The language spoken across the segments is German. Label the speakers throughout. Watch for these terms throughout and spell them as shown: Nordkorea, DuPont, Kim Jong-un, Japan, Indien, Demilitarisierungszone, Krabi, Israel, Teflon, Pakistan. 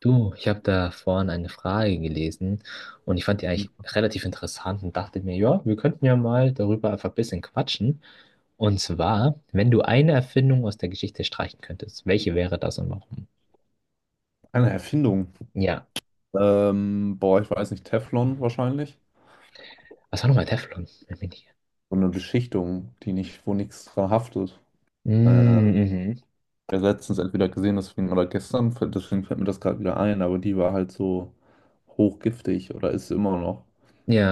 Speaker 1: Du, ich habe da vorhin eine Frage gelesen und ich fand die eigentlich relativ interessant und dachte mir, ja, wir könnten ja mal darüber einfach ein bisschen quatschen. Und zwar, wenn du eine Erfindung aus der Geschichte streichen könntest, welche wäre das und warum?
Speaker 2: Eine Erfindung.
Speaker 1: Ja.
Speaker 2: Boah, ich weiß nicht, Teflon wahrscheinlich.
Speaker 1: Was war nochmal Teflon? Wenn mich nicht-
Speaker 2: So eine Beschichtung, die nicht, wo nichts dran haftet. Äh,
Speaker 1: Mm. Mhm.
Speaker 2: Ich habe letztens entweder gesehen, deswegen, oder gestern, deswegen fällt mir das gerade wieder ein, aber die war halt so hochgiftig oder ist sie immer noch.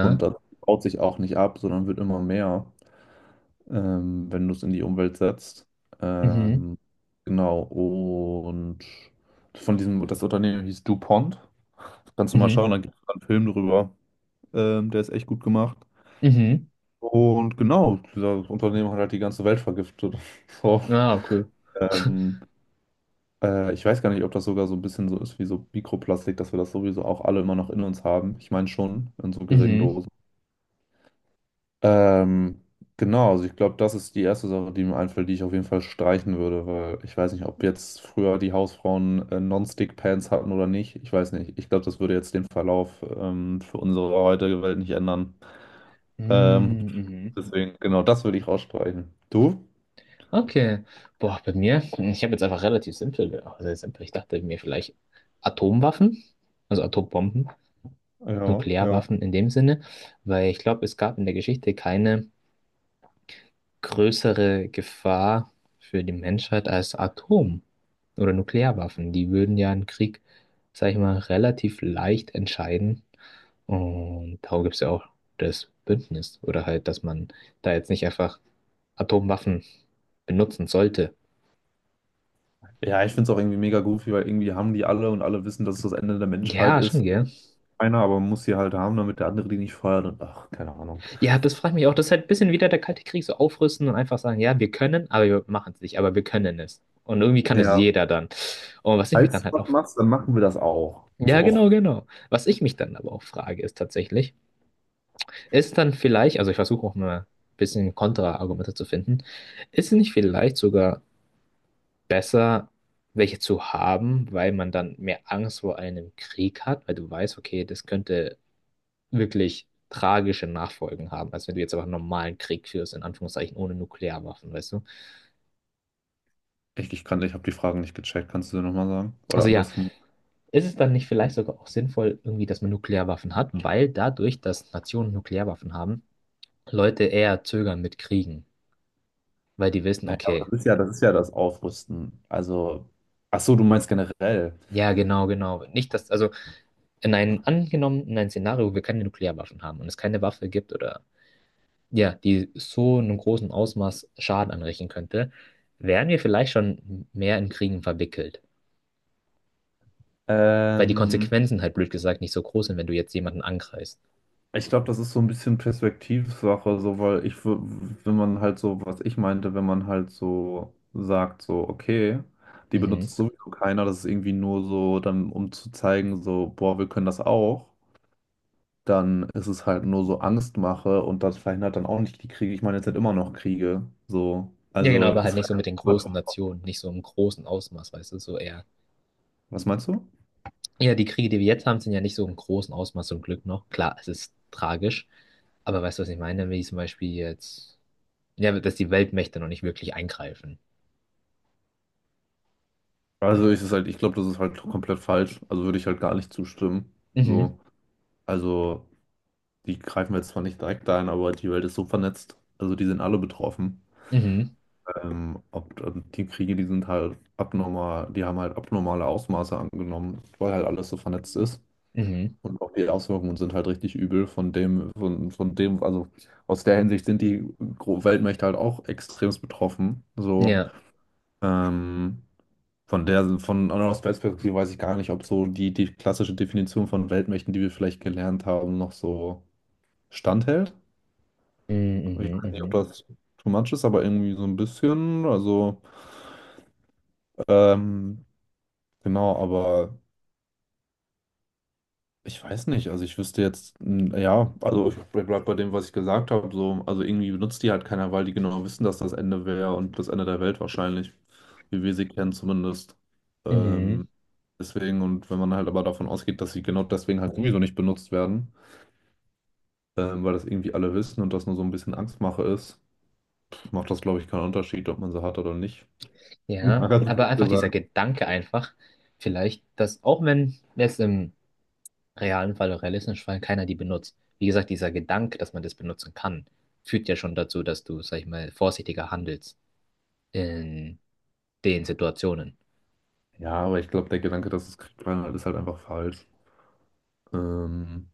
Speaker 2: Und das baut sich auch nicht ab, sondern wird immer mehr, wenn du es in die Umwelt setzt.
Speaker 1: Mhm.
Speaker 2: Ähm, genau, und von diesem, das Unternehmen hieß DuPont. Kannst du mal
Speaker 1: Mhm.
Speaker 2: schauen, da gibt es einen Film drüber. Der ist echt gut gemacht.
Speaker 1: Mhm.
Speaker 2: Und genau, dieser Unternehmen hat halt die ganze Welt vergiftet. So.
Speaker 1: Ah, cool.
Speaker 2: Ähm, Ich weiß gar nicht, ob das sogar so ein bisschen so ist wie so Mikroplastik, dass wir das sowieso auch alle immer noch in uns haben. Ich meine schon, in so geringen
Speaker 1: Mhm.
Speaker 2: Dosen. Ähm, genau, also ich glaube, das ist die erste Sache, die mir einfällt, die ich auf jeden Fall streichen würde, weil ich weiß nicht, ob jetzt früher die Hausfrauen Non-Stick-Pants hatten oder nicht. Ich weiß nicht. Ich glaube, das würde jetzt den Verlauf für unsere heutige Welt nicht ändern. Ähm,
Speaker 1: Mhm.
Speaker 2: Deswegen, genau, das würde ich rausstreichen. Du?
Speaker 1: Okay. Boah, bei mir, hm, ich habe jetzt einfach relativ simpel, also simpel. Ich dachte mir vielleicht Atomwaffen, also Atombomben,
Speaker 2: Ja, ja.
Speaker 1: Nuklearwaffen in dem Sinne, weil ich glaube, es gab in der Geschichte keine größere Gefahr für die Menschheit als Atom- oder Nuklearwaffen. Die würden ja einen Krieg, sag ich mal, relativ leicht entscheiden. Und darum gibt es ja auch das Bündnis oder halt, dass man da jetzt nicht einfach Atomwaffen benutzen sollte.
Speaker 2: Ja, ich finde es auch irgendwie mega goofy, weil irgendwie haben die alle und alle wissen, dass es das Ende der Menschheit
Speaker 1: Ja,
Speaker 2: ist.
Speaker 1: schon, gell?
Speaker 2: Einer aber muss sie halt haben, damit der andere die nicht feuert und ach, keine Ahnung.
Speaker 1: Ja, das frage ich mich auch. Das ist halt ein bisschen wieder der Kalte Krieg, so aufrüsten und einfach sagen, ja, wir können, aber wir machen es nicht, aber wir können es. Und irgendwie kann es
Speaker 2: Ja,
Speaker 1: jeder dann. Und was ich mich
Speaker 2: falls
Speaker 1: dann
Speaker 2: du
Speaker 1: halt auch,
Speaker 2: was machst, dann machen wir das auch.
Speaker 1: ja,
Speaker 2: So,
Speaker 1: genau, genau. Was ich mich dann aber auch frage, ist tatsächlich, ist dann vielleicht, also ich versuche auch mal ein bisschen Kontraargumente zu finden, ist es nicht vielleicht sogar besser, welche zu haben, weil man dann mehr Angst vor einem Krieg hat, weil du weißt, okay, das könnte wirklich tragische Nachfolgen haben, als wenn du jetzt aber einen normalen Krieg führst, in Anführungszeichen ohne Nuklearwaffen, weißt du?
Speaker 2: echt, ich habe die Fragen nicht gecheckt, kannst du dir nochmal sagen? Oder
Speaker 1: Also ja,
Speaker 2: andersrum.
Speaker 1: ist es dann nicht vielleicht sogar auch sinnvoll, irgendwie, dass man Nuklearwaffen hat, weil dadurch, dass Nationen Nuklearwaffen haben, Leute eher zögern mit Kriegen, weil die wissen,
Speaker 2: Naja, aber
Speaker 1: okay,
Speaker 2: das ist ja das Aufrüsten. Also, ach so, du meinst generell.
Speaker 1: ja, genau, genau. Nicht, dass, also in einem, angenommen, in einem Szenario, wo wir keine Nuklearwaffen haben und es keine Waffe gibt oder ja, die so in einem großen Ausmaß Schaden anrichten könnte, wären wir vielleicht schon mehr in Kriegen verwickelt. Weil die
Speaker 2: Ähm,
Speaker 1: Konsequenzen halt blöd gesagt nicht so groß sind, wenn du jetzt jemanden angreifst.
Speaker 2: Ich glaube, das ist so ein bisschen Perspektivsache, so, wenn man halt so, was ich meinte, wenn man halt so sagt, so, okay, die
Speaker 1: Mhm.
Speaker 2: benutzt sowieso keiner, das ist irgendwie nur so, dann, um zu zeigen, so, boah, wir können das auch, dann ist es halt nur so Angstmache und das verhindert dann auch nicht die Kriege. Ich meine, jetzt sind immer noch Kriege, so.
Speaker 1: Ja, genau,
Speaker 2: Also,
Speaker 1: aber halt nicht so
Speaker 2: Israel.
Speaker 1: mit den großen Nationen, nicht so im großen Ausmaß, weißt du, so eher.
Speaker 2: Was meinst du?
Speaker 1: Ja, die Kriege, die wir jetzt haben, sind ja nicht so im großen Ausmaß zum Glück noch. Klar, es ist tragisch, aber weißt du, was ich meine? Wie zum Beispiel jetzt, ja, dass die Weltmächte noch nicht wirklich eingreifen.
Speaker 2: Also, ist halt, ich glaube, das ist halt komplett falsch. Also, würde ich halt gar nicht zustimmen.
Speaker 1: Mhm.
Speaker 2: So, also, die greifen jetzt zwar nicht direkt ein, aber die Welt ist so vernetzt. Also die sind alle betroffen.
Speaker 1: Mhm.
Speaker 2: Die Kriege, die sind halt abnormal, die haben halt abnormale Ausmaße angenommen, weil halt alles so vernetzt ist.
Speaker 1: Mhm.
Speaker 2: Und auch die Auswirkungen sind halt richtig übel von dem, also aus der Hinsicht sind die Weltmächte halt auch extremst betroffen. So,
Speaker 1: Ja.
Speaker 2: ähm, von aus Weltperspektive weiß ich gar nicht, ob so die klassische Definition von Weltmächten, die wir vielleicht gelernt haben, noch so standhält.
Speaker 1: Mhm.
Speaker 2: Ich
Speaker 1: Mhm.
Speaker 2: weiß nicht, ob
Speaker 1: Mhm.
Speaker 2: das too much ist, aber irgendwie so ein bisschen. Also, ähm, genau, aber ich weiß nicht. Also, ich wüsste jetzt, ja, also ich bleib bei dem, was ich gesagt habe. So, also, irgendwie benutzt die halt keiner, weil die genau wissen, dass das Ende wäre und das Ende der Welt wahrscheinlich, wie wir sie kennen zumindest.
Speaker 1: Mhm.
Speaker 2: Ähm, Deswegen, und wenn man halt aber davon ausgeht, dass sie genau deswegen halt sowieso nicht benutzt werden, weil das irgendwie alle wissen und das nur so ein bisschen Angstmache ist, macht das, glaube ich, keinen Unterschied, ob man sie hat oder nicht. Mal
Speaker 1: Ja,
Speaker 2: ganz
Speaker 1: aber
Speaker 2: blöd
Speaker 1: einfach dieser
Speaker 2: gesagt.
Speaker 1: Gedanke einfach, vielleicht, dass auch wenn jetzt im realen Fall, oder realistischen Fall, keiner die benutzt. Wie gesagt, dieser Gedanke, dass man das benutzen kann, führt ja schon dazu, dass du, sag ich mal, vorsichtiger handelst in den Situationen.
Speaker 2: Ja, aber ich glaube, der Gedanke, dass es Krieg war, ist halt einfach falsch. Ähm,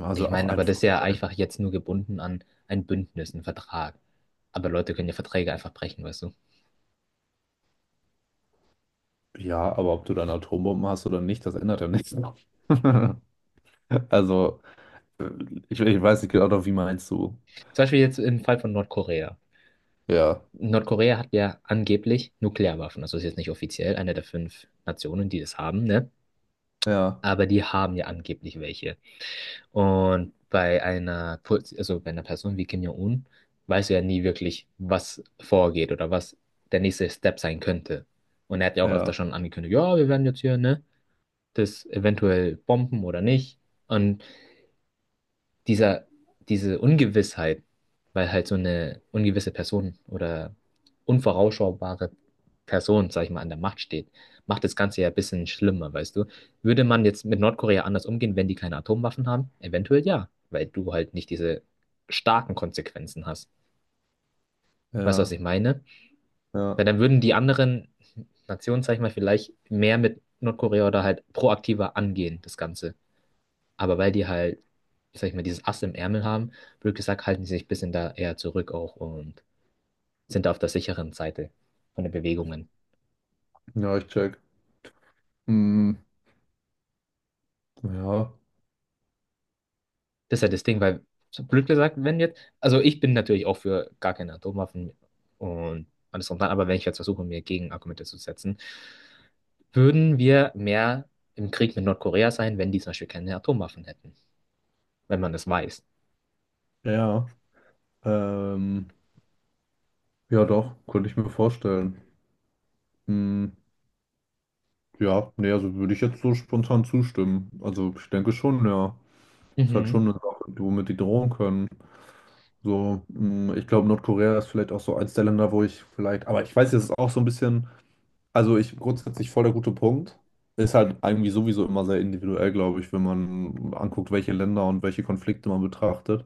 Speaker 2: also
Speaker 1: Ich
Speaker 2: auch
Speaker 1: meine, aber
Speaker 2: einfach.
Speaker 1: das ist ja einfach jetzt nur gebunden an ein Bündnis, einen Vertrag. Aber Leute können ja Verträge einfach brechen, weißt du?
Speaker 2: Ja, aber ob du dann Atombomben hast oder nicht, das ändert ja nichts. Also, äh, ich weiß nicht genau, wie meinst du?
Speaker 1: Zum Beispiel jetzt im Fall von Nordkorea.
Speaker 2: Ja,
Speaker 1: Nordkorea hat ja angeblich Nuklearwaffen. Also ist jetzt nicht offiziell eine der fünf Nationen, die das haben, ne?
Speaker 2: ja,
Speaker 1: Aber die haben ja angeblich welche. Und bei einer, Pu- also bei einer Person wie Kim Jong-un weißt du ja nie wirklich, was vorgeht oder was der nächste Step sein könnte. Und er hat ja auch öfter
Speaker 2: ja,
Speaker 1: schon angekündigt, ja, wir werden jetzt hier, ne, das eventuell bomben oder nicht. Und dieser, diese Ungewissheit, weil halt so eine ungewisse Person oder unvorausschaubare Person, sag ich mal, an der Macht steht, macht das Ganze ja ein bisschen schlimmer, weißt du? Würde man jetzt mit Nordkorea anders umgehen, wenn die keine Atomwaffen haben? Eventuell ja, weil du halt nicht diese starken Konsequenzen hast. Weißt du, was
Speaker 2: ja,
Speaker 1: ich meine? Weil dann
Speaker 2: ja.
Speaker 1: würden die anderen Nationen, sag ich mal, vielleicht mehr mit Nordkorea oder halt proaktiver angehen, das Ganze. Aber weil die halt, sag ich mal, dieses Ass im Ärmel haben, blöd gesagt, halten die sich ein bisschen da eher zurück auch und sind da auf der sicheren Seite von den Bewegungen.
Speaker 2: Ja, ich check. Hm, ja,
Speaker 1: Das ist halt das Ding, weil, so blöd gesagt, wenn jetzt, also ich bin natürlich auch für gar keine Atomwaffen und alles drum und dran, aber wenn ich jetzt versuche, mir Gegenargumente zu setzen, würden wir mehr im Krieg mit Nordkorea sein, wenn die zum Beispiel keine Atomwaffen hätten, wenn man das weiß.
Speaker 2: ja. Ähm, ja, doch, könnte ich mir vorstellen. Hm, ja, nee, also würde ich jetzt so spontan zustimmen. Also, ich denke schon, ja. Ist halt schon
Speaker 1: Mhm.
Speaker 2: eine Sache, womit die drohen können. So, mh, ich glaube, Nordkorea ist vielleicht auch so eins der Länder, wo ich vielleicht, aber ich weiß, es ist auch so ein bisschen, also ich grundsätzlich voll der gute Punkt. Ist halt irgendwie sowieso immer sehr individuell, glaube ich, wenn man anguckt, welche Länder und welche Konflikte man betrachtet.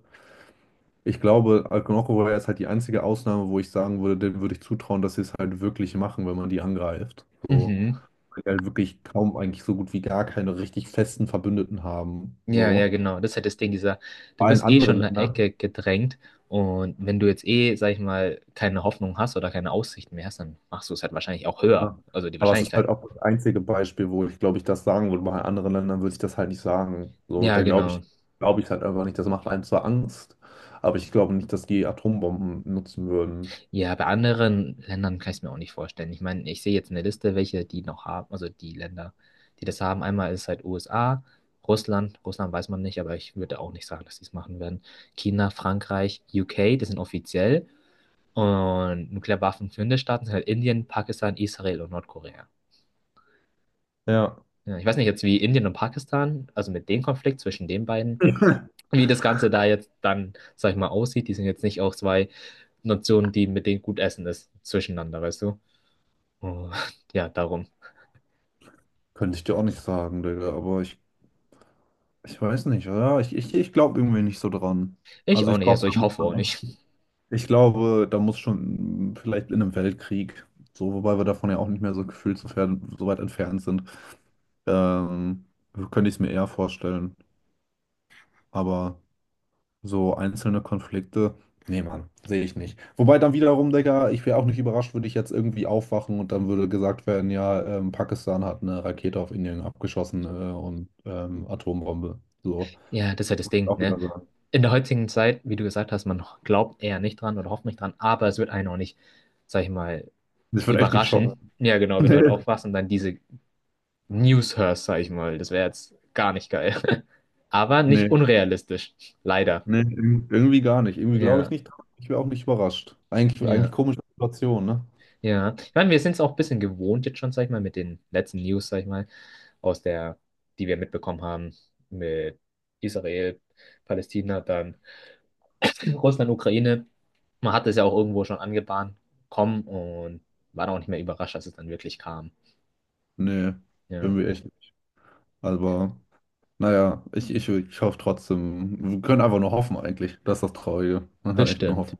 Speaker 2: Ich glaube, Nordkorea ist halt die einzige Ausnahme, wo ich sagen würde, dem würde ich zutrauen, dass sie es halt wirklich machen, wenn man die angreift. So,
Speaker 1: Mhm.
Speaker 2: weil die halt wirklich kaum eigentlich so gut wie gar keine richtig festen Verbündeten haben.
Speaker 1: Ja, ja,
Speaker 2: So.
Speaker 1: genau. Das ist halt das Ding, dieser, du
Speaker 2: Bei allen
Speaker 1: bist eh schon
Speaker 2: anderen
Speaker 1: in der
Speaker 2: Ländern.
Speaker 1: Ecke gedrängt und wenn du jetzt eh, sag ich mal, keine Hoffnung hast oder keine Aussicht mehr hast, dann machst du es halt wahrscheinlich auch höher.
Speaker 2: Ja.
Speaker 1: Also die
Speaker 2: Aber es ist
Speaker 1: Wahrscheinlichkeit.
Speaker 2: halt auch das einzige Beispiel, wo ich glaube ich das sagen würde. Bei anderen Ländern würde ich das halt nicht sagen. So,
Speaker 1: Ja, genau.
Speaker 2: glaube ich halt einfach nicht. Das macht einem zwar Angst, aber ich glaube nicht, dass die Atombomben nutzen würden.
Speaker 1: Ja, bei anderen Ländern kann ich es mir auch nicht vorstellen. Ich meine, ich sehe jetzt eine Liste, welche die noch haben, also die Länder, die das haben. Einmal ist halt USA, Russland. Russland weiß man nicht, aber ich würde auch nicht sagen, dass die es machen werden. China, Frankreich, UK, das sind offiziell. Und Nuklearwaffen führende Staaten sind halt Indien, Pakistan, Israel und Nordkorea.
Speaker 2: Ja.
Speaker 1: Ja, ich weiß nicht jetzt, wie Indien und Pakistan, also mit dem Konflikt zwischen den beiden, wie das Ganze da jetzt dann, sag ich mal, aussieht. Die sind jetzt nicht auch zwei Nationen, die mit denen gut essen ist, zwischeneinander, weißt du? Und ja, darum.
Speaker 2: Könnte ich dir auch nicht sagen, Digga, ich weiß nicht, oder? Ich glaube irgendwie nicht so dran.
Speaker 1: Ich
Speaker 2: Also
Speaker 1: auch
Speaker 2: ich
Speaker 1: nicht,
Speaker 2: glaube,
Speaker 1: also
Speaker 2: da
Speaker 1: ich
Speaker 2: muss
Speaker 1: hoffe auch
Speaker 2: schon
Speaker 1: nicht.
Speaker 2: echt- ich glaube, da muss schon vielleicht in einem Weltkrieg, so, wobei wir davon ja auch nicht mehr so gefühlt so, fern, so weit entfernt sind, ähm, könnte ich es mir eher vorstellen. Aber so einzelne Konflikte, nee, Mann, sehe ich nicht. Wobei dann wiederum, Digga, ich wäre auch nicht überrascht, würde ich jetzt irgendwie aufwachen und dann würde gesagt werden, ja, Pakistan hat eine Rakete auf Indien abgeschossen, Atombombe. So.
Speaker 1: Ja, das ist ja das Ding,
Speaker 2: Auch
Speaker 1: ne?
Speaker 2: wieder so.
Speaker 1: In der heutigen Zeit, wie du gesagt hast, man glaubt eher nicht dran oder hofft nicht dran, aber es wird einen auch nicht, sag ich mal,
Speaker 2: Das wird echt nicht schocken.
Speaker 1: überraschen. Ja, genau, wenn du halt aufwachst und dann diese Newshurst, sag ich mal. Das wäre jetzt gar nicht geil. Aber nicht
Speaker 2: Nee.
Speaker 1: unrealistisch. Leider.
Speaker 2: Nee, nee, irgendwie gar nicht. Irgendwie glaube ich
Speaker 1: Ja,
Speaker 2: nicht. Ich wäre auch nicht überrascht. Eigentlich, eigentlich
Speaker 1: ja,
Speaker 2: komische Situation, ne?
Speaker 1: ja. Ich meine, wir sind es auch ein bisschen gewohnt jetzt schon, sag ich mal, mit den letzten News, sag ich mal, aus der, die wir mitbekommen haben, mit Israel, Palästina, dann Russland, Ukraine. Man hat es ja auch irgendwo schon angebahnt, kommen und war dann auch nicht mehr überrascht, als es dann wirklich kam.
Speaker 2: Nee,
Speaker 1: Ja,
Speaker 2: irgendwie echt nicht. Aber. Naja, ich hoffe trotzdem. Wir können einfach nur hoffen eigentlich. Das ist das Traurige. Man kann
Speaker 1: das
Speaker 2: echt nur
Speaker 1: stimmt.
Speaker 2: hoffen.